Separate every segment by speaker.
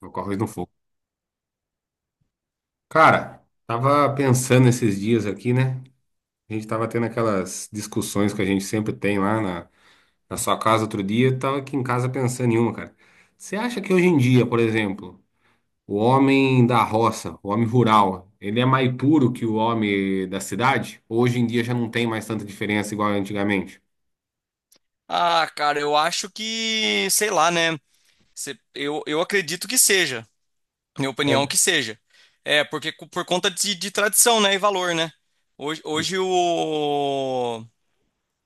Speaker 1: Ocorre no fogo. Cara, tava pensando esses dias aqui, né? A gente tava tendo aquelas discussões que a gente sempre tem lá na sua casa outro dia. Eu Tava aqui em casa pensando em uma, cara. Você acha que hoje em dia, por exemplo, o homem da roça, o homem rural, ele é mais puro que o homem da cidade? Ou hoje em dia já não tem mais tanta diferença igual antigamente?
Speaker 2: Ah, cara, eu acho que, sei lá, né? Eu acredito que seja. Minha opinião
Speaker 1: É.
Speaker 2: que seja. É, porque por conta de tradição, né? E valor, né? Hoje,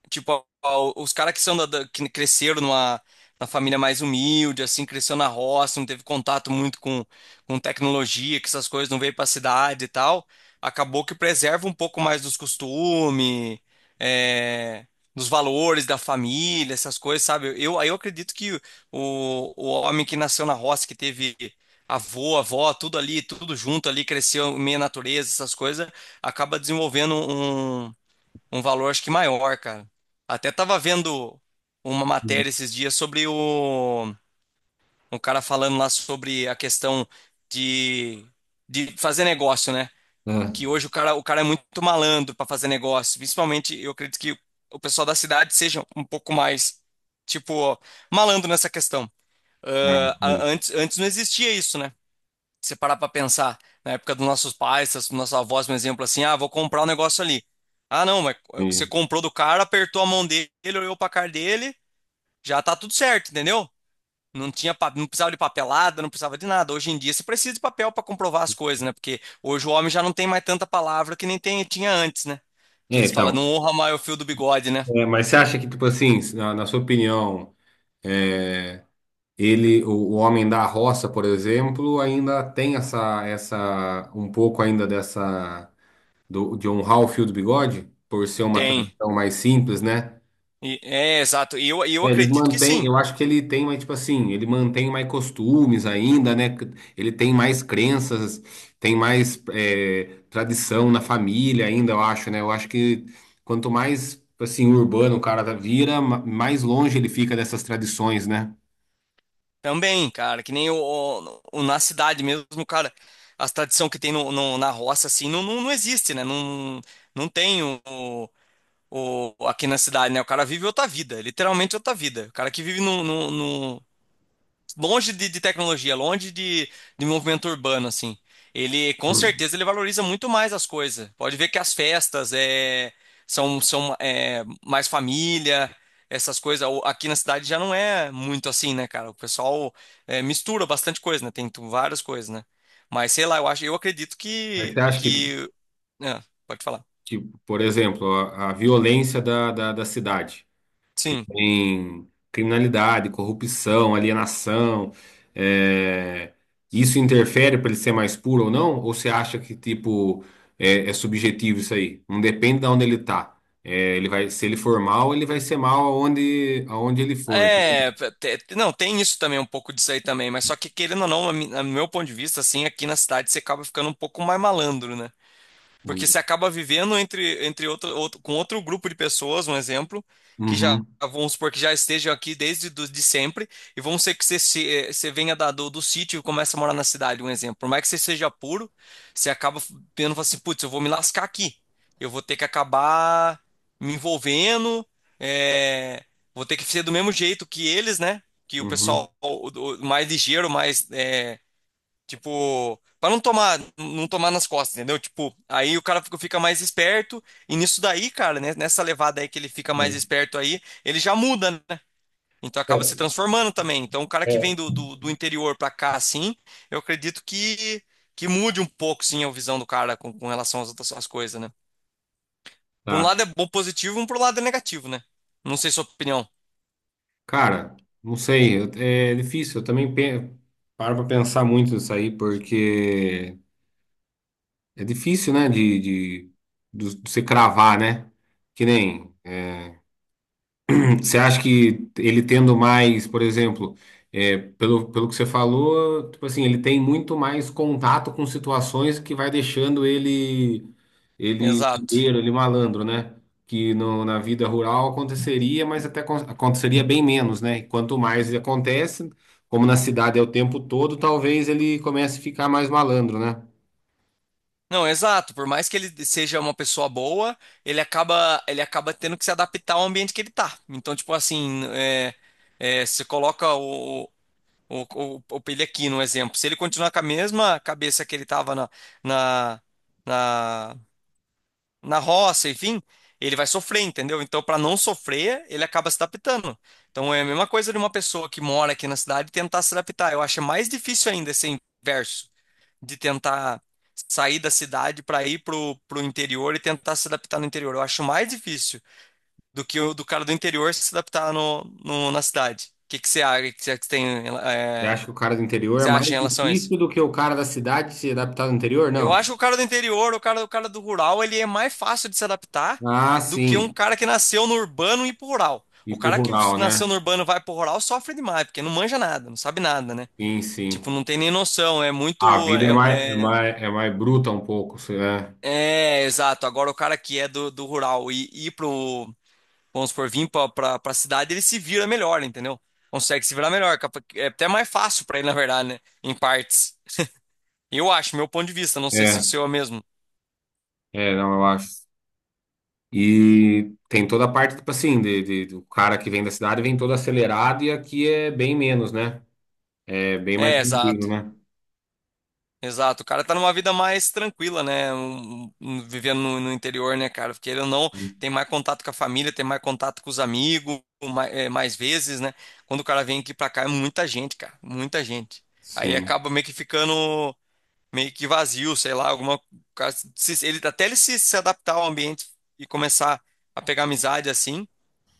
Speaker 2: tipo, os caras que são que cresceram na família mais humilde, assim, cresceu na roça, não teve contato muito com tecnologia, que essas coisas não veio pra cidade e tal, acabou que preserva um pouco mais dos costumes, é, dos valores da família, essas coisas, sabe? Eu acredito que o homem que nasceu na roça, que teve avô, avó, tudo ali, tudo junto ali, cresceu meio natureza, essas coisas, acaba desenvolvendo um valor acho que maior, cara. Até tava vendo uma matéria esses dias sobre o um cara falando lá sobre a questão de, de fazer negócio, né?
Speaker 1: Ah,
Speaker 2: Que hoje o cara é muito malandro para fazer negócio. Principalmente, eu acredito que o pessoal da cidade seja um pouco mais, tipo, malandro nessa questão.
Speaker 1: Ah,
Speaker 2: Ah, a-
Speaker 1: entendi,
Speaker 2: antes, antes não existia isso, né? Se você parar para pensar, na época dos nossos pais, dos nossos avós, um exemplo assim, ah, vou comprar um negócio ali. Ah, não, mas você
Speaker 1: entendi.
Speaker 2: comprou do cara, apertou a mão dele, olhou pra cara dele, já tá tudo certo, entendeu? Não precisava de papelada, não precisava de nada. Hoje em dia você precisa de papel para comprovar as coisas, né? Porque hoje o homem já não tem mais tanta palavra que nem tinha antes, né? Que
Speaker 1: É,
Speaker 2: eles falam, não
Speaker 1: então.
Speaker 2: honra mais o fio do bigode, né?
Speaker 1: É, mas você acha que, tipo assim, na sua opinião, é, ele, o homem da roça, por exemplo, ainda tem essa, um pouco ainda dessa, de honrar o fio do bigode, por ser uma
Speaker 2: Tem.
Speaker 1: tradição mais simples, né?
Speaker 2: É, exato. E eu
Speaker 1: É, eles
Speaker 2: acredito que
Speaker 1: mantêm,
Speaker 2: sim.
Speaker 1: eu acho que ele tem mais, tipo assim, ele mantém mais costumes ainda, né? Ele tem mais crenças, tem mais, é, tradição na família ainda, eu acho, né? Eu acho que quanto mais, assim, urbano o cara vira, mais longe ele fica dessas tradições, né?
Speaker 2: Também, cara, que nem na cidade mesmo, cara, as tradição que tem na roça, assim, não, não, não existe, né? Não, não tem aqui na cidade, né? O cara vive outra vida, literalmente outra vida. O cara que vive no, longe de tecnologia, longe de movimento urbano, assim. Ele, com certeza, ele valoriza muito mais as coisas. Pode ver que as festas são mais família, essas coisas. Aqui na cidade já não é muito assim, né, cara? O pessoal mistura bastante coisa, né? Tem várias coisas, né? Mas sei lá, eu acho, eu acredito
Speaker 1: Mas você
Speaker 2: que,
Speaker 1: acha que
Speaker 2: que... Ah, pode falar.
Speaker 1: tipo, por exemplo, a violência da cidade, que
Speaker 2: Sim.
Speaker 1: tem criminalidade, corrupção, alienação, é, isso interfere para ele ser mais puro ou não? Ou você acha que, tipo, é, é subjetivo isso aí? Não depende de onde ele tá. É, ele vai, se ele for mal, ele vai ser mal aonde, aonde ele for. Entendeu?
Speaker 2: Não, tem isso também, um pouco disso aí também, mas só que querendo ou não, no meu ponto de vista, assim, aqui na cidade você acaba ficando um pouco mais malandro, né? Porque você acaba vivendo entre com outro grupo de pessoas, um exemplo, que já,
Speaker 1: Uhum,
Speaker 2: vamos supor, que já estejam aqui desde de sempre, e vamos ser que você, se- eh, você venha do sítio e comece a morar na cidade, um exemplo. Por mais que você seja puro, você acaba tendo, fala assim, putz, eu vou me lascar aqui. Eu vou ter que acabar me envolvendo, eh, vou ter que ser do mesmo jeito que eles, né? Que o
Speaker 1: uhum.
Speaker 2: pessoal mais ligeiro, mais tipo, pra não tomar nas costas, entendeu? Tipo, aí o cara fica mais esperto, e nisso daí, cara, né, nessa levada aí que ele fica mais esperto aí, ele já muda, né? Então acaba
Speaker 1: É,
Speaker 2: se transformando também. Então o cara que
Speaker 1: é.
Speaker 2: vem do interior pra cá, assim, eu acredito que mude um pouco, sim, a visão do cara com relação às coisas, né? Por um
Speaker 1: Tá.
Speaker 2: lado é bom positivo, por um lado é negativo, né? Não sei sua opinião.
Speaker 1: Cara, não sei, é difícil. Eu também paro pra pensar muito nisso aí, porque é difícil, né, de você cravar, né? Que nem. Você acha que ele tendo mais, por exemplo, é, pelo que você falou, tipo assim, ele tem muito mais contato com situações que vai deixando ele
Speaker 2: Exato.
Speaker 1: ligeiro, ele malandro, né? Que no, na vida rural aconteceria, mas até aconteceria bem menos, né? E quanto mais ele acontece, como na cidade é o tempo todo, talvez ele comece a ficar mais malandro, né?
Speaker 2: Não, exato. Por mais que ele seja uma pessoa boa, ele acaba tendo que se adaptar ao ambiente que ele tá. Então, tipo assim, você coloca o, o Pelé aqui no exemplo. Se ele continuar com a mesma cabeça que ele tava na, na, na roça, enfim, ele vai sofrer, entendeu? Então, para não sofrer, ele acaba se adaptando. Então, é a mesma coisa de uma pessoa que mora aqui na cidade tentar se adaptar. Eu acho mais difícil ainda esse inverso de tentar sair da cidade para ir pro interior e tentar se adaptar no interior. Eu acho mais difícil do que o do cara do interior se adaptar na cidade. O que que você acha, que você tem,
Speaker 1: Você acha que o cara do interior é
Speaker 2: você
Speaker 1: mais
Speaker 2: acha em relação a isso?
Speaker 1: difícil do que o cara da cidade se adaptar no interior?
Speaker 2: Eu
Speaker 1: Não.
Speaker 2: acho que o cara do interior, o cara do rural, ele é mais fácil de se adaptar
Speaker 1: Ah,
Speaker 2: do que um
Speaker 1: sim.
Speaker 2: cara que nasceu no urbano e ir pro rural.
Speaker 1: Ir
Speaker 2: O
Speaker 1: pro
Speaker 2: cara que
Speaker 1: rural, né?
Speaker 2: nasceu no urbano e vai pro rural sofre demais, porque não manja nada, não sabe nada, né?
Speaker 1: Sim,
Speaker 2: Tipo,
Speaker 1: sim.
Speaker 2: não tem nem noção, é
Speaker 1: A
Speaker 2: muito,
Speaker 1: vida é
Speaker 2: é,
Speaker 1: mais, é
Speaker 2: é
Speaker 1: mais, é mais bruta um pouco, sei lá.
Speaker 2: É, exato. Agora o cara que é do rural e ir vamos supor, vir pra cidade, ele se vira melhor, entendeu? Consegue se virar melhor. É até mais fácil pra ele, na verdade, né? Em partes. Eu acho, meu ponto de vista, não sei se o
Speaker 1: É,
Speaker 2: seu é mesmo.
Speaker 1: é, não, eu acho. E tem toda a parte, tipo assim, do cara que vem da cidade vem todo acelerado e aqui é bem menos, né? É bem mais
Speaker 2: É,
Speaker 1: tranquilo,
Speaker 2: exato.
Speaker 1: né?
Speaker 2: Exato. O cara tá numa vida mais tranquila, né? Vivendo no interior, né, cara? Porque ele ou não tem mais contato com a família, tem mais contato com os amigos, mais vezes, né? Quando o cara vem aqui pra cá, é muita gente, cara. Muita gente. Aí
Speaker 1: Sim.
Speaker 2: acaba meio que ficando. Meio que vazio, sei lá, alguma ele até ele se adaptar ao ambiente e começar a pegar amizade assim,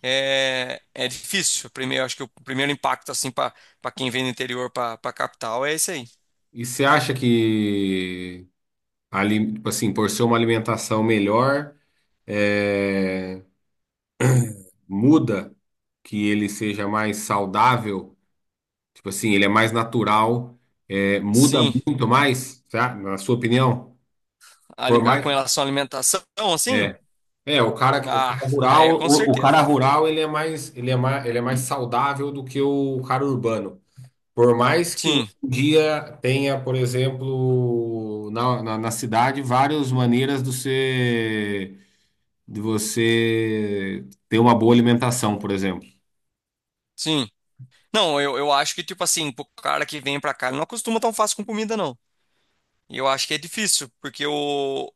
Speaker 2: é difícil. Primeiro, acho que o primeiro impacto assim para quem vem do interior para capital é esse aí.
Speaker 1: E você acha que, ali, tipo assim, por ser uma alimentação melhor, é, muda que ele seja mais saudável? Tipo assim, ele é mais natural, é, muda
Speaker 2: Sim,
Speaker 1: muito mais, tá? Na sua opinião? Por mais,
Speaker 2: com relação à alimentação, assim,
Speaker 1: é, é o cara, o
Speaker 2: ah,
Speaker 1: cara rural,
Speaker 2: é com
Speaker 1: o cara
Speaker 2: certeza, né?
Speaker 1: rural ele é mais, ele é mais saudável do que o cara urbano. Por mais que hoje
Speaker 2: Sim,
Speaker 1: em dia tenha, por exemplo, na cidade várias maneiras de você ter uma boa alimentação, por exemplo.
Speaker 2: sim. Não, eu acho que, tipo assim, pro cara que vem pra cá, ele não acostuma tão fácil com comida, não. E eu acho que é difícil, porque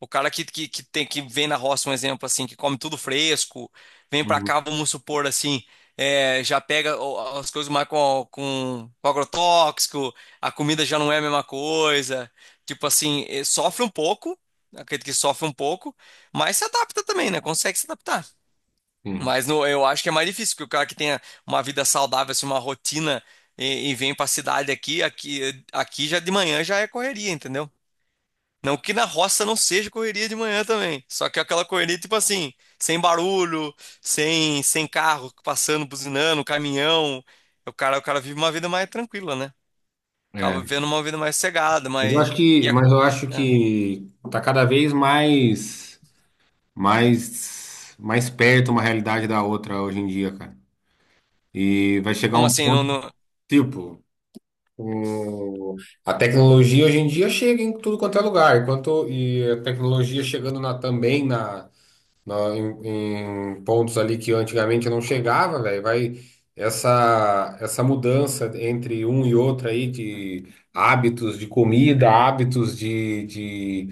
Speaker 2: o cara que tem que vem na roça, um exemplo assim, que come tudo fresco, vem pra
Speaker 1: Uhum.
Speaker 2: cá, vamos supor assim, já pega as coisas mais com agrotóxico, a comida já não é a mesma coisa. Tipo assim, sofre um pouco, acredito que sofre um pouco, mas se adapta também, né? Consegue se adaptar.
Speaker 1: Sim.
Speaker 2: Mas eu acho que é mais difícil, porque o cara que tenha uma vida saudável, assim, uma rotina e vem pra cidade aqui, já de manhã já é correria, entendeu? Não que na roça não seja correria de manhã também. Só que é aquela correria, tipo assim, sem barulho, sem carro passando, buzinando, caminhão. O cara vive uma vida mais tranquila, né? Acaba
Speaker 1: É.
Speaker 2: vivendo uma vida mais cegada,
Speaker 1: Mas eu
Speaker 2: mais.
Speaker 1: acho
Speaker 2: E
Speaker 1: que,
Speaker 2: a-
Speaker 1: mas eu acho
Speaker 2: é,
Speaker 1: que tá cada vez mais mais perto uma realidade da outra hoje em dia, cara. E vai chegar
Speaker 2: Como
Speaker 1: um
Speaker 2: assim? Não,
Speaker 1: ponto,
Speaker 2: não...
Speaker 1: tipo, o- a tecnologia hoje em dia chega em tudo quanto é lugar, enquanto e a tecnologia chegando na, também na em, em pontos ali que antigamente eu não chegava, velho. Vai essa mudança entre um e outro aí de hábitos de comida, hábitos de, de,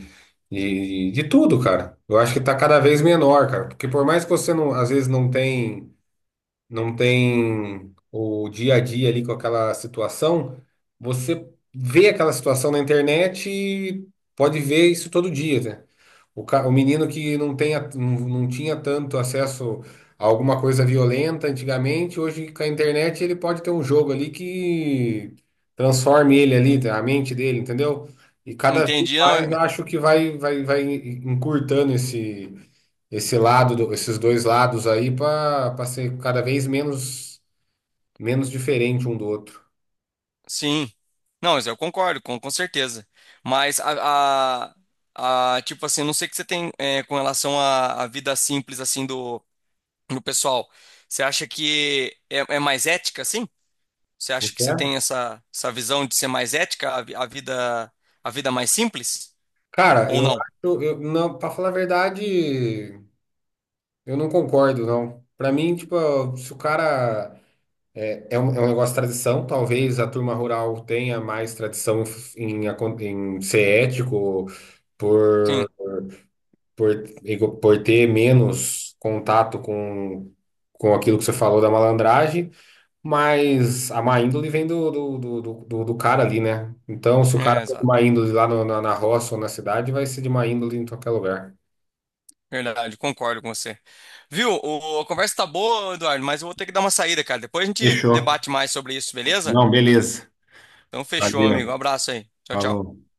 Speaker 1: de, de tudo, cara. Eu acho que tá cada vez menor, cara. Porque por mais que você não, às vezes não tem não tem o dia a dia ali com aquela situação, você vê aquela situação na internet e pode ver isso todo dia, né? O, o menino que não tem, não tinha tanto acesso a alguma coisa violenta antigamente, hoje com a internet ele pode ter um jogo ali que transforme ele ali, né, a mente dele, entendeu? E cada vez
Speaker 2: Entendi, não.
Speaker 1: mais acho que vai, vai encurtando esse esse lado, esses dois lados aí para ser cada vez menos menos diferente um do outro.
Speaker 2: Sim. Não, mas eu concordo, com certeza. Mas tipo assim, não sei o que você tem com relação à vida simples assim do pessoal. Você acha que é mais ética, assim? Você
Speaker 1: Não
Speaker 2: acha que você
Speaker 1: quer?
Speaker 2: tem essa visão de ser mais ética, a vida mais simples?
Speaker 1: Cara,
Speaker 2: Ou
Speaker 1: eu
Speaker 2: não?
Speaker 1: acho, eu, não, para falar a verdade, eu não concordo, não. Para mim, tipo, se o cara é, é um negócio de tradição, talvez a turma rural tenha mais tradição em, em ser ético, por,
Speaker 2: Sim,
Speaker 1: por, por ter menos contato com aquilo que você falou da malandragem. Mas a má índole vem do cara ali, né? Então, se o cara
Speaker 2: é,
Speaker 1: for de
Speaker 2: exato.
Speaker 1: má índole lá na, na roça ou na cidade, vai ser de má índole em qualquer lugar.
Speaker 2: Verdade, concordo com você. Viu? A conversa tá boa, Eduardo, mas eu vou ter que dar uma saída, cara. Depois a gente
Speaker 1: Fechou.
Speaker 2: debate mais sobre isso, beleza?
Speaker 1: Não, beleza.
Speaker 2: Então fechou, meu amigo. Um
Speaker 1: Valeu.
Speaker 2: abraço aí. Tchau, tchau.
Speaker 1: Falou.